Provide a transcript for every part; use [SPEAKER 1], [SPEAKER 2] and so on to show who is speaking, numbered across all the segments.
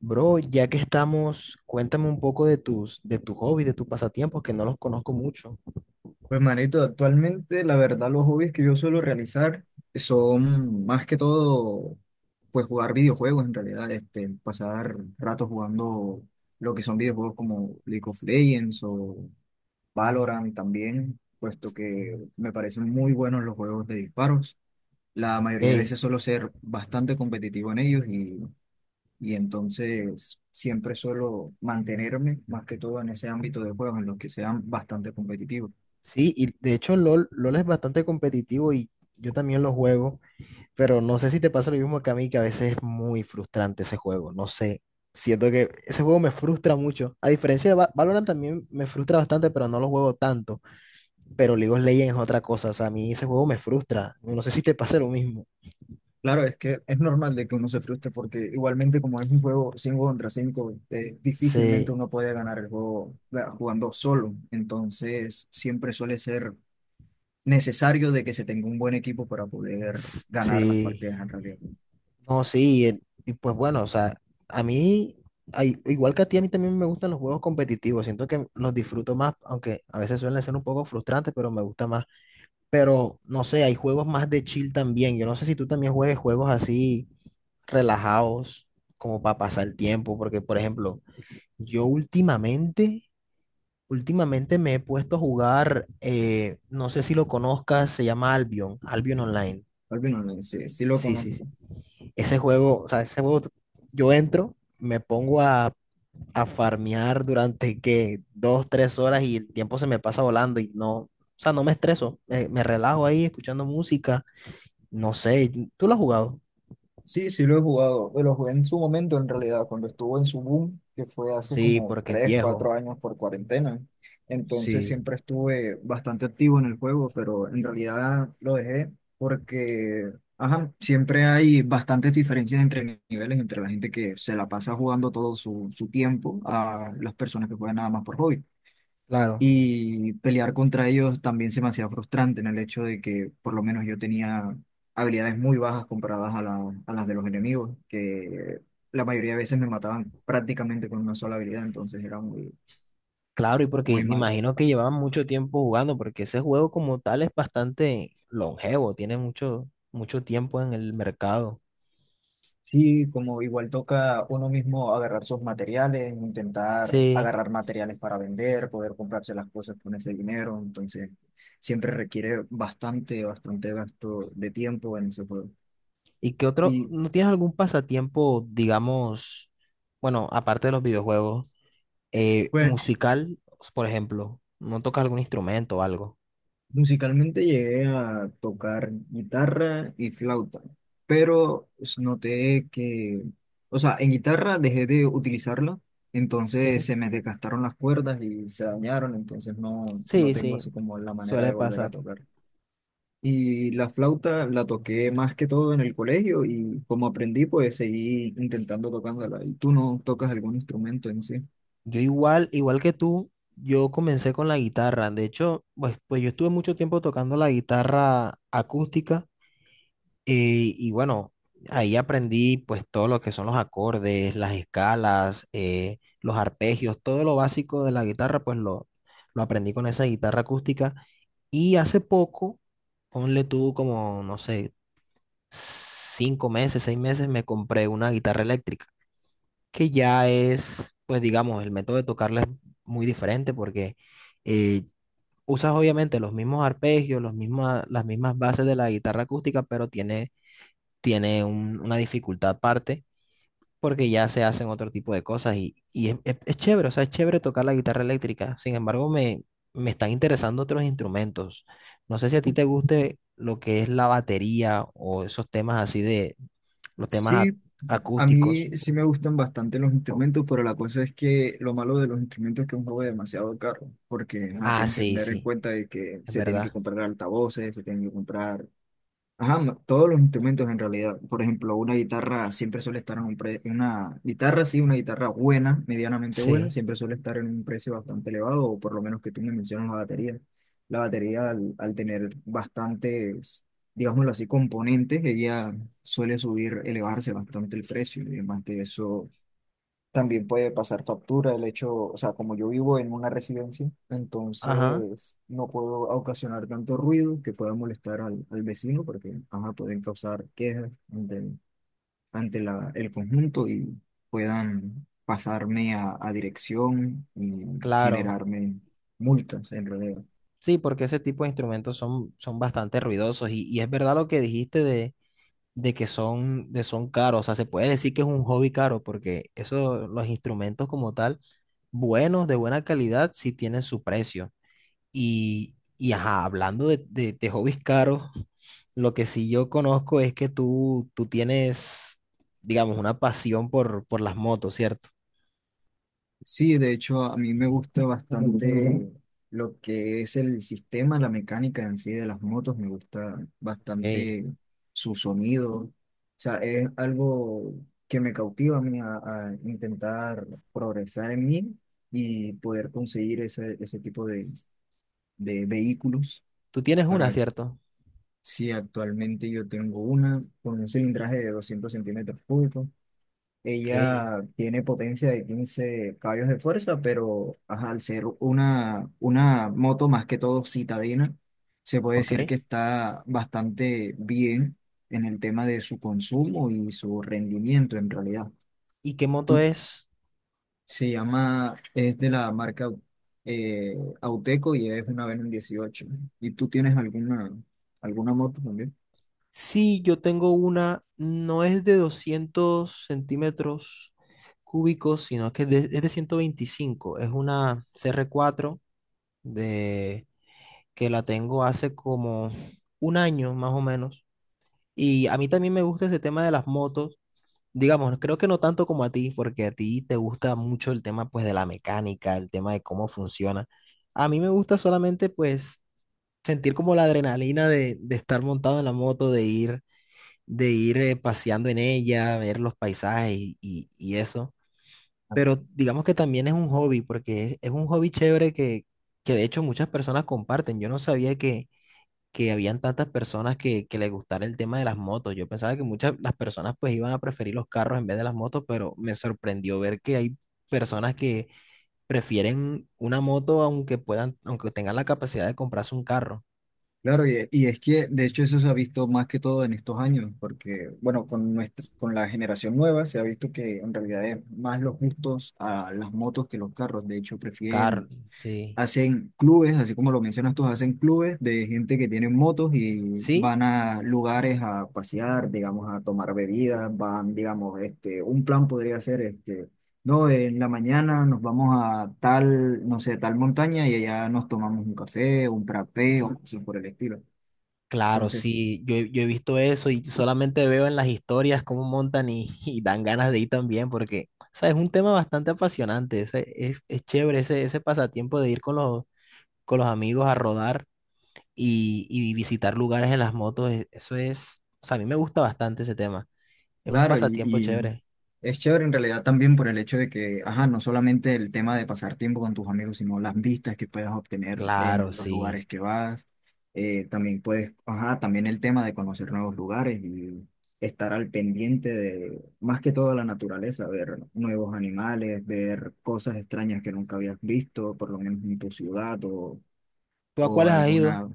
[SPEAKER 1] Bro, ya que estamos, cuéntame un poco de tus hobbies, de tus pasatiempos, que no los conozco mucho.
[SPEAKER 2] Pues manito, actualmente la verdad los hobbies que yo suelo realizar son más que todo pues jugar videojuegos en realidad, pasar ratos jugando lo que son videojuegos como League of Legends o Valorant también, puesto que me parecen muy buenos los juegos de disparos. La mayoría de
[SPEAKER 1] Ok,
[SPEAKER 2] veces suelo ser bastante competitivo en ellos y entonces siempre suelo mantenerme más que todo en ese ámbito de juegos en los que sean bastante competitivos.
[SPEAKER 1] sí, y de hecho LOL, LOL es bastante competitivo y yo también lo juego, pero no sé si te pasa lo mismo que a mí, que a veces es muy frustrante ese juego, no sé. Siento que ese juego me frustra mucho. A diferencia de Valorant también me frustra bastante, pero no lo juego tanto. Pero League of Legends es otra cosa, o sea, a mí ese juego me frustra. No sé si te pasa lo mismo.
[SPEAKER 2] Claro, es que es normal de que uno se frustre porque igualmente como es un juego 5 contra 5, difícilmente
[SPEAKER 1] Sí,
[SPEAKER 2] uno puede ganar el juego jugando solo. Entonces, siempre suele ser necesario de que se tenga un buen equipo para poder
[SPEAKER 1] s-
[SPEAKER 2] ganar las
[SPEAKER 1] sí.
[SPEAKER 2] partidas en realidad.
[SPEAKER 1] No, sí, y pues bueno, o sea, a mí, igual que a ti, a mí también me gustan los juegos competitivos, siento que los disfruto más, aunque a veces suelen ser un poco frustrantes, pero me gusta más. Pero no sé, hay juegos más de chill también, yo no sé si tú también juegues juegos así relajados, como para pasar el tiempo, porque por ejemplo, yo últimamente, últimamente me he puesto a jugar, no sé si lo conozcas, se llama Albion, Albion Online.
[SPEAKER 2] Al menos, sí, sí lo
[SPEAKER 1] Sí, sí.
[SPEAKER 2] conozco.
[SPEAKER 1] Sí. Ese juego, yo entro, me pongo a farmear durante que dos, tres horas y el tiempo se me pasa volando y no, o sea, no me estreso, me relajo ahí escuchando música, no sé, ¿tú lo has jugado?
[SPEAKER 2] Sí, sí lo he jugado, pero lo jugué en su momento, en realidad, cuando estuvo en su boom, que fue hace
[SPEAKER 1] Sí,
[SPEAKER 2] como
[SPEAKER 1] porque es
[SPEAKER 2] 3, 4
[SPEAKER 1] viejo,
[SPEAKER 2] años por cuarentena. Entonces
[SPEAKER 1] sí,
[SPEAKER 2] siempre estuve bastante activo en el juego, pero en realidad lo dejé porque, ajá, siempre hay bastantes diferencias entre niveles, entre la gente que se la pasa jugando todo su tiempo a las personas que juegan nada más por hobby.
[SPEAKER 1] claro,
[SPEAKER 2] Y pelear contra ellos también se me hacía frustrante en el hecho de que por lo menos yo tenía habilidades muy bajas comparadas a las de los enemigos, que la mayoría de veces me mataban prácticamente con una sola habilidad, entonces era muy,
[SPEAKER 1] claro, y porque
[SPEAKER 2] muy
[SPEAKER 1] me
[SPEAKER 2] malo.
[SPEAKER 1] imagino que llevaban mucho tiempo jugando, porque ese juego como tal es bastante longevo, tiene mucho tiempo en el mercado.
[SPEAKER 2] Sí, como igual toca uno mismo agarrar sus materiales, intentar
[SPEAKER 1] Sí.
[SPEAKER 2] agarrar materiales para vender, poder comprarse las cosas con ese dinero, entonces siempre requiere bastante, bastante gasto de tiempo en ese juego.
[SPEAKER 1] ¿Y qué otro?
[SPEAKER 2] Y
[SPEAKER 1] ¿No tienes algún pasatiempo, digamos, bueno, aparte de los videojuegos,
[SPEAKER 2] pues
[SPEAKER 1] musical, por ejemplo? ¿No tocas algún instrumento o algo?
[SPEAKER 2] musicalmente llegué a tocar guitarra y flauta, pero noté que, o sea, en guitarra dejé de utilizarla, entonces
[SPEAKER 1] Sí,
[SPEAKER 2] se me desgastaron las cuerdas y se dañaron, entonces no, no
[SPEAKER 1] sí,
[SPEAKER 2] tengo
[SPEAKER 1] sí,
[SPEAKER 2] así como la manera
[SPEAKER 1] suele
[SPEAKER 2] de volver a
[SPEAKER 1] pasar.
[SPEAKER 2] tocar. Y la flauta la toqué más que todo en el colegio y como aprendí, pues seguí intentando tocándola. ¿Y tú no tocas algún instrumento en sí?
[SPEAKER 1] Yo igual, igual que tú, yo comencé con la guitarra. De hecho, pues yo estuve mucho tiempo tocando la guitarra acústica. Y bueno, ahí aprendí pues todo lo que son los acordes, las escalas, los arpegios, todo lo básico de la guitarra, lo aprendí con esa guitarra acústica. Y hace poco, ponle tú como, no sé, cinco meses, seis meses, me compré una guitarra eléctrica, que ya es, pues digamos, el método de tocarla es muy diferente porque eh, usas obviamente los mismos arpegios, las mismas bases de la guitarra acústica, pero tiene una dificultad aparte porque ya se hacen otro tipo de cosas y es chévere, o sea, es chévere tocar la guitarra eléctrica. Sin embargo, me están interesando otros instrumentos. No sé si a ti te guste lo que es la batería o esos temas así de los temas
[SPEAKER 2] Sí,
[SPEAKER 1] ac-
[SPEAKER 2] a
[SPEAKER 1] acústicos.
[SPEAKER 2] mí sí me gustan bastante los instrumentos, pero la cosa es que lo malo de los instrumentos es que es un juego demasiado caro, porque ajá,
[SPEAKER 1] Ah,
[SPEAKER 2] tienes que
[SPEAKER 1] sí,
[SPEAKER 2] tener en
[SPEAKER 1] sí,
[SPEAKER 2] cuenta de que
[SPEAKER 1] es
[SPEAKER 2] se tienen que
[SPEAKER 1] verdad.
[SPEAKER 2] comprar altavoces, se tienen que comprar, ajá, todos los instrumentos en realidad. Por ejemplo, una guitarra siempre suele estar en un precio, una guitarra, sí, una guitarra buena, medianamente buena,
[SPEAKER 1] Sí,
[SPEAKER 2] siempre suele estar en un precio bastante elevado, o por lo menos que tú me mencionas la batería. La batería, al tener bastantes, digámoslo así, componentes, ella suele subir, elevarse bastante el precio. Y además de eso, también puede pasar factura el hecho, o sea, como yo vivo en una residencia,
[SPEAKER 1] ajá,
[SPEAKER 2] entonces no puedo ocasionar tanto ruido que pueda molestar al vecino porque ajá, pueden causar quejas ante el conjunto y puedan pasarme a dirección y
[SPEAKER 1] claro.
[SPEAKER 2] generarme multas en realidad.
[SPEAKER 1] Sí, porque ese tipo de instrumentos son, son bastante ruidosos y es verdad lo que dijiste de que son, de son caros. O sea, se puede decir que es un hobby caro porque eso, los instrumentos como tal, buenos, de buena calidad, sí tienen su precio. Y ajá, hablando de hobbies caros, lo que sí yo conozco es que tú tienes, digamos, una pasión por las motos, ¿cierto?
[SPEAKER 2] Sí, de hecho, a mí me gusta bastante lo que es el sistema, la mecánica en sí de las motos, me gusta
[SPEAKER 1] Ok.
[SPEAKER 2] bastante su sonido. O sea, es algo que me cautiva a mí a intentar progresar en mí y poder conseguir ese tipo de vehículos
[SPEAKER 1] Tú tienes una,
[SPEAKER 2] para
[SPEAKER 1] ¿cierto?
[SPEAKER 2] si actualmente yo tengo una con un cilindraje de 200 centímetros cúbicos.
[SPEAKER 1] Ok.
[SPEAKER 2] Ella tiene potencia de 15 caballos de fuerza, pero ajá, al ser una moto más que todo citadina, se puede
[SPEAKER 1] Ok.
[SPEAKER 2] decir que está bastante bien en el tema de su consumo y su rendimiento en realidad.
[SPEAKER 1] ¿Y qué moto
[SPEAKER 2] Tú-
[SPEAKER 1] es?
[SPEAKER 2] Se llama, es de la marca eh, Auteco y es una Venom 18. ¿Y tú tienes alguna moto también?
[SPEAKER 1] Sí, yo tengo una, no es de 200 centímetros cúbicos, sino que es de 125. Es una cr cuatro de, que la tengo hace como un año más o menos. Y a mí también me gusta ese tema de las motos. Digamos, creo que no tanto como a ti, porque a ti te gusta mucho el tema pues de la mecánica, el tema de cómo funciona. A mí me gusta solamente pues sentir como la adrenalina de estar montado en la moto, de ir paseando en ella, ver los paisajes y y eso. Pero digamos que también es un hobby, porque es un hobby chévere que de hecho muchas personas comparten. Yo no sabía que habían tantas personas que les gustara el tema de las motos. Yo pensaba que muchas las personas pues iban a preferir los carros en vez de las motos, pero me sorprendió ver que hay personas que prefieren una moto aunque puedan, aunque tengan la capacidad de comprarse un carro.
[SPEAKER 2] Claro, y es que de hecho eso se ha visto más que todo en estos años, porque bueno, con nuestra,
[SPEAKER 1] S-
[SPEAKER 2] con la generación nueva se ha visto que en realidad es más los gustos a las motos que los carros. De hecho,
[SPEAKER 1] Carro, sí.
[SPEAKER 2] hacen clubes, así como lo mencionas tú, hacen clubes de gente que tiene motos y
[SPEAKER 1] ¿Sí?
[SPEAKER 2] van a lugares a pasear, digamos, a tomar bebidas, van, digamos, un plan podría ser este. No, en la mañana nos vamos a tal, no sé, tal montaña y allá nos tomamos un café, un frappé o cosas por el estilo.
[SPEAKER 1] Claro,
[SPEAKER 2] Entonces,
[SPEAKER 1] sí, yo he visto eso y solamente veo en las historias cómo montan y, y dan ganas de ir también, porque, o sea, es un tema bastante apasionante, es chévere ese pasatiempo de ir con los amigos a rodar y visitar lugares en las motos, eso es, o sea, a mí me gusta bastante ese tema, es un
[SPEAKER 2] claro, y,
[SPEAKER 1] pasatiempo
[SPEAKER 2] y
[SPEAKER 1] chévere.
[SPEAKER 2] es chévere en realidad también por el hecho de que, ajá, no solamente el tema de pasar tiempo con tus amigos, sino las vistas que puedes obtener
[SPEAKER 1] Claro,
[SPEAKER 2] en los
[SPEAKER 1] sí.
[SPEAKER 2] lugares que vas. También puedes, ajá, también el tema de conocer nuevos lugares y estar al pendiente de, más que todo, la naturaleza, ver nuevos animales, ver cosas extrañas que nunca habías visto, por lo menos en tu ciudad
[SPEAKER 1] ¿Tú a
[SPEAKER 2] o
[SPEAKER 1] cuáles has ido?
[SPEAKER 2] alguna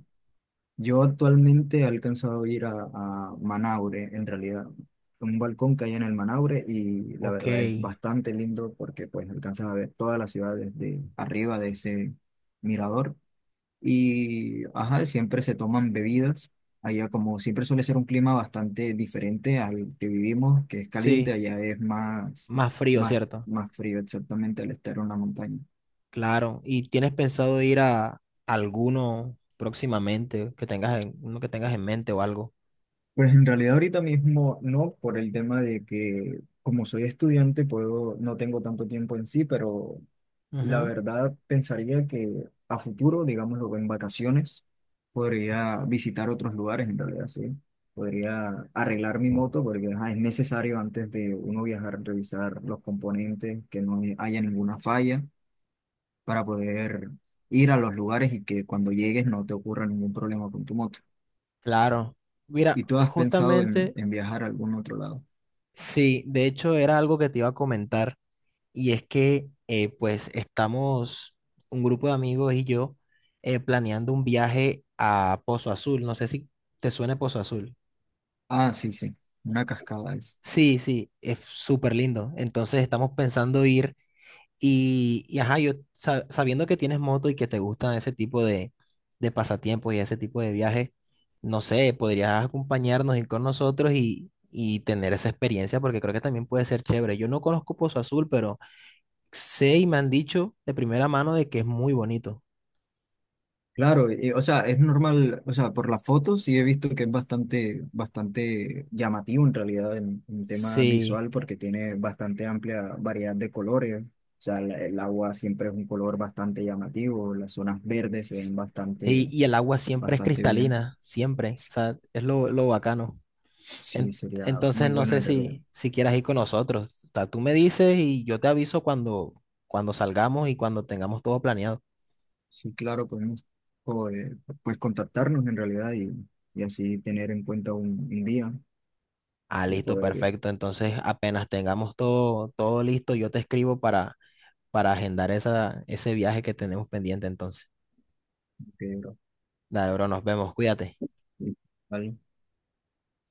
[SPEAKER 2] Yo actualmente he alcanzado a ir a Manaure, en realidad, un balcón que hay en el Manaure y la
[SPEAKER 1] Ok,
[SPEAKER 2] verdad es bastante lindo porque pues alcanzas a ver toda la ciudad desde arriba de ese mirador y ajá, siempre se toman bebidas. Allá como siempre suele ser un clima bastante diferente al que vivimos, que es caliente,
[SPEAKER 1] sí,
[SPEAKER 2] allá es más,
[SPEAKER 1] más frío,
[SPEAKER 2] más,
[SPEAKER 1] ¿cierto?
[SPEAKER 2] más frío exactamente al estar en una montaña.
[SPEAKER 1] Claro, ¿y tienes pensado ir a alguno próximamente que tengas uno que tengas en mente o algo?
[SPEAKER 2] Pues en realidad ahorita mismo no, por el tema de que como soy estudiante no tengo tanto tiempo en sí, pero la
[SPEAKER 1] Ujú.
[SPEAKER 2] verdad pensaría que a futuro, digámoslo en vacaciones, podría visitar otros lugares en realidad, sí. Podría arreglar mi moto porque ajá, es necesario antes de uno viajar revisar los componentes, que no haya ninguna falla para poder ir a los lugares y que cuando llegues no te ocurra ningún problema con tu moto.
[SPEAKER 1] Claro. Mira,
[SPEAKER 2] ¿Y tú has pensado en,
[SPEAKER 1] justamente,
[SPEAKER 2] en viajar a algún otro lado?
[SPEAKER 1] sí, de hecho era algo que te iba a comentar y es que pues estamos un grupo de amigos y yo planeando un viaje a Pozo Azul. No sé si te suena Pozo Azul.
[SPEAKER 2] Ah, sí, sí, una cascada es.
[SPEAKER 1] Sí, sí, es súper lindo. Entonces estamos pensando ir. Y ajá, yo sabiendo que tienes moto y que te gustan ese tipo de pasatiempos y ese tipo de viajes, no sé, podrías acompañarnos, ir con nosotros y tener esa experiencia porque creo que también puede ser chévere. Yo no conozco Pozo Azul, pero sé y me han dicho de primera mano de que es muy bonito.
[SPEAKER 2] Claro, o sea, es normal, o sea, por las fotos sí he visto que es bastante, bastante llamativo en realidad en tema
[SPEAKER 1] Sí.
[SPEAKER 2] visual porque tiene bastante amplia variedad de colores. O sea, el agua siempre es un color bastante llamativo, las zonas verdes se
[SPEAKER 1] s-
[SPEAKER 2] ven bastante,
[SPEAKER 1] Y el agua siempre es
[SPEAKER 2] bastante bien.
[SPEAKER 1] cristalina, siempre.
[SPEAKER 2] S-
[SPEAKER 1] O sea, es lo bacano.
[SPEAKER 2] Sí, sería muy
[SPEAKER 1] Entonces no
[SPEAKER 2] bueno
[SPEAKER 1] sé
[SPEAKER 2] en realidad.
[SPEAKER 1] si quieras ir con nosotros. O sea, tú me dices y yo te aviso cuando salgamos y cuando tengamos todo planeado.
[SPEAKER 2] Sí, claro, podemos o, eh, pues contactarnos en realidad y así tener en cuenta un día
[SPEAKER 1] Ah,
[SPEAKER 2] y
[SPEAKER 1] listo,
[SPEAKER 2] poder ir.
[SPEAKER 1] perfecto. Entonces apenas tengamos todo listo, yo te escribo para agendar ese viaje que tenemos pendiente entonces.
[SPEAKER 2] Ok,
[SPEAKER 1] Dale, bro, nos vemos. Cuídate.
[SPEAKER 2] vale.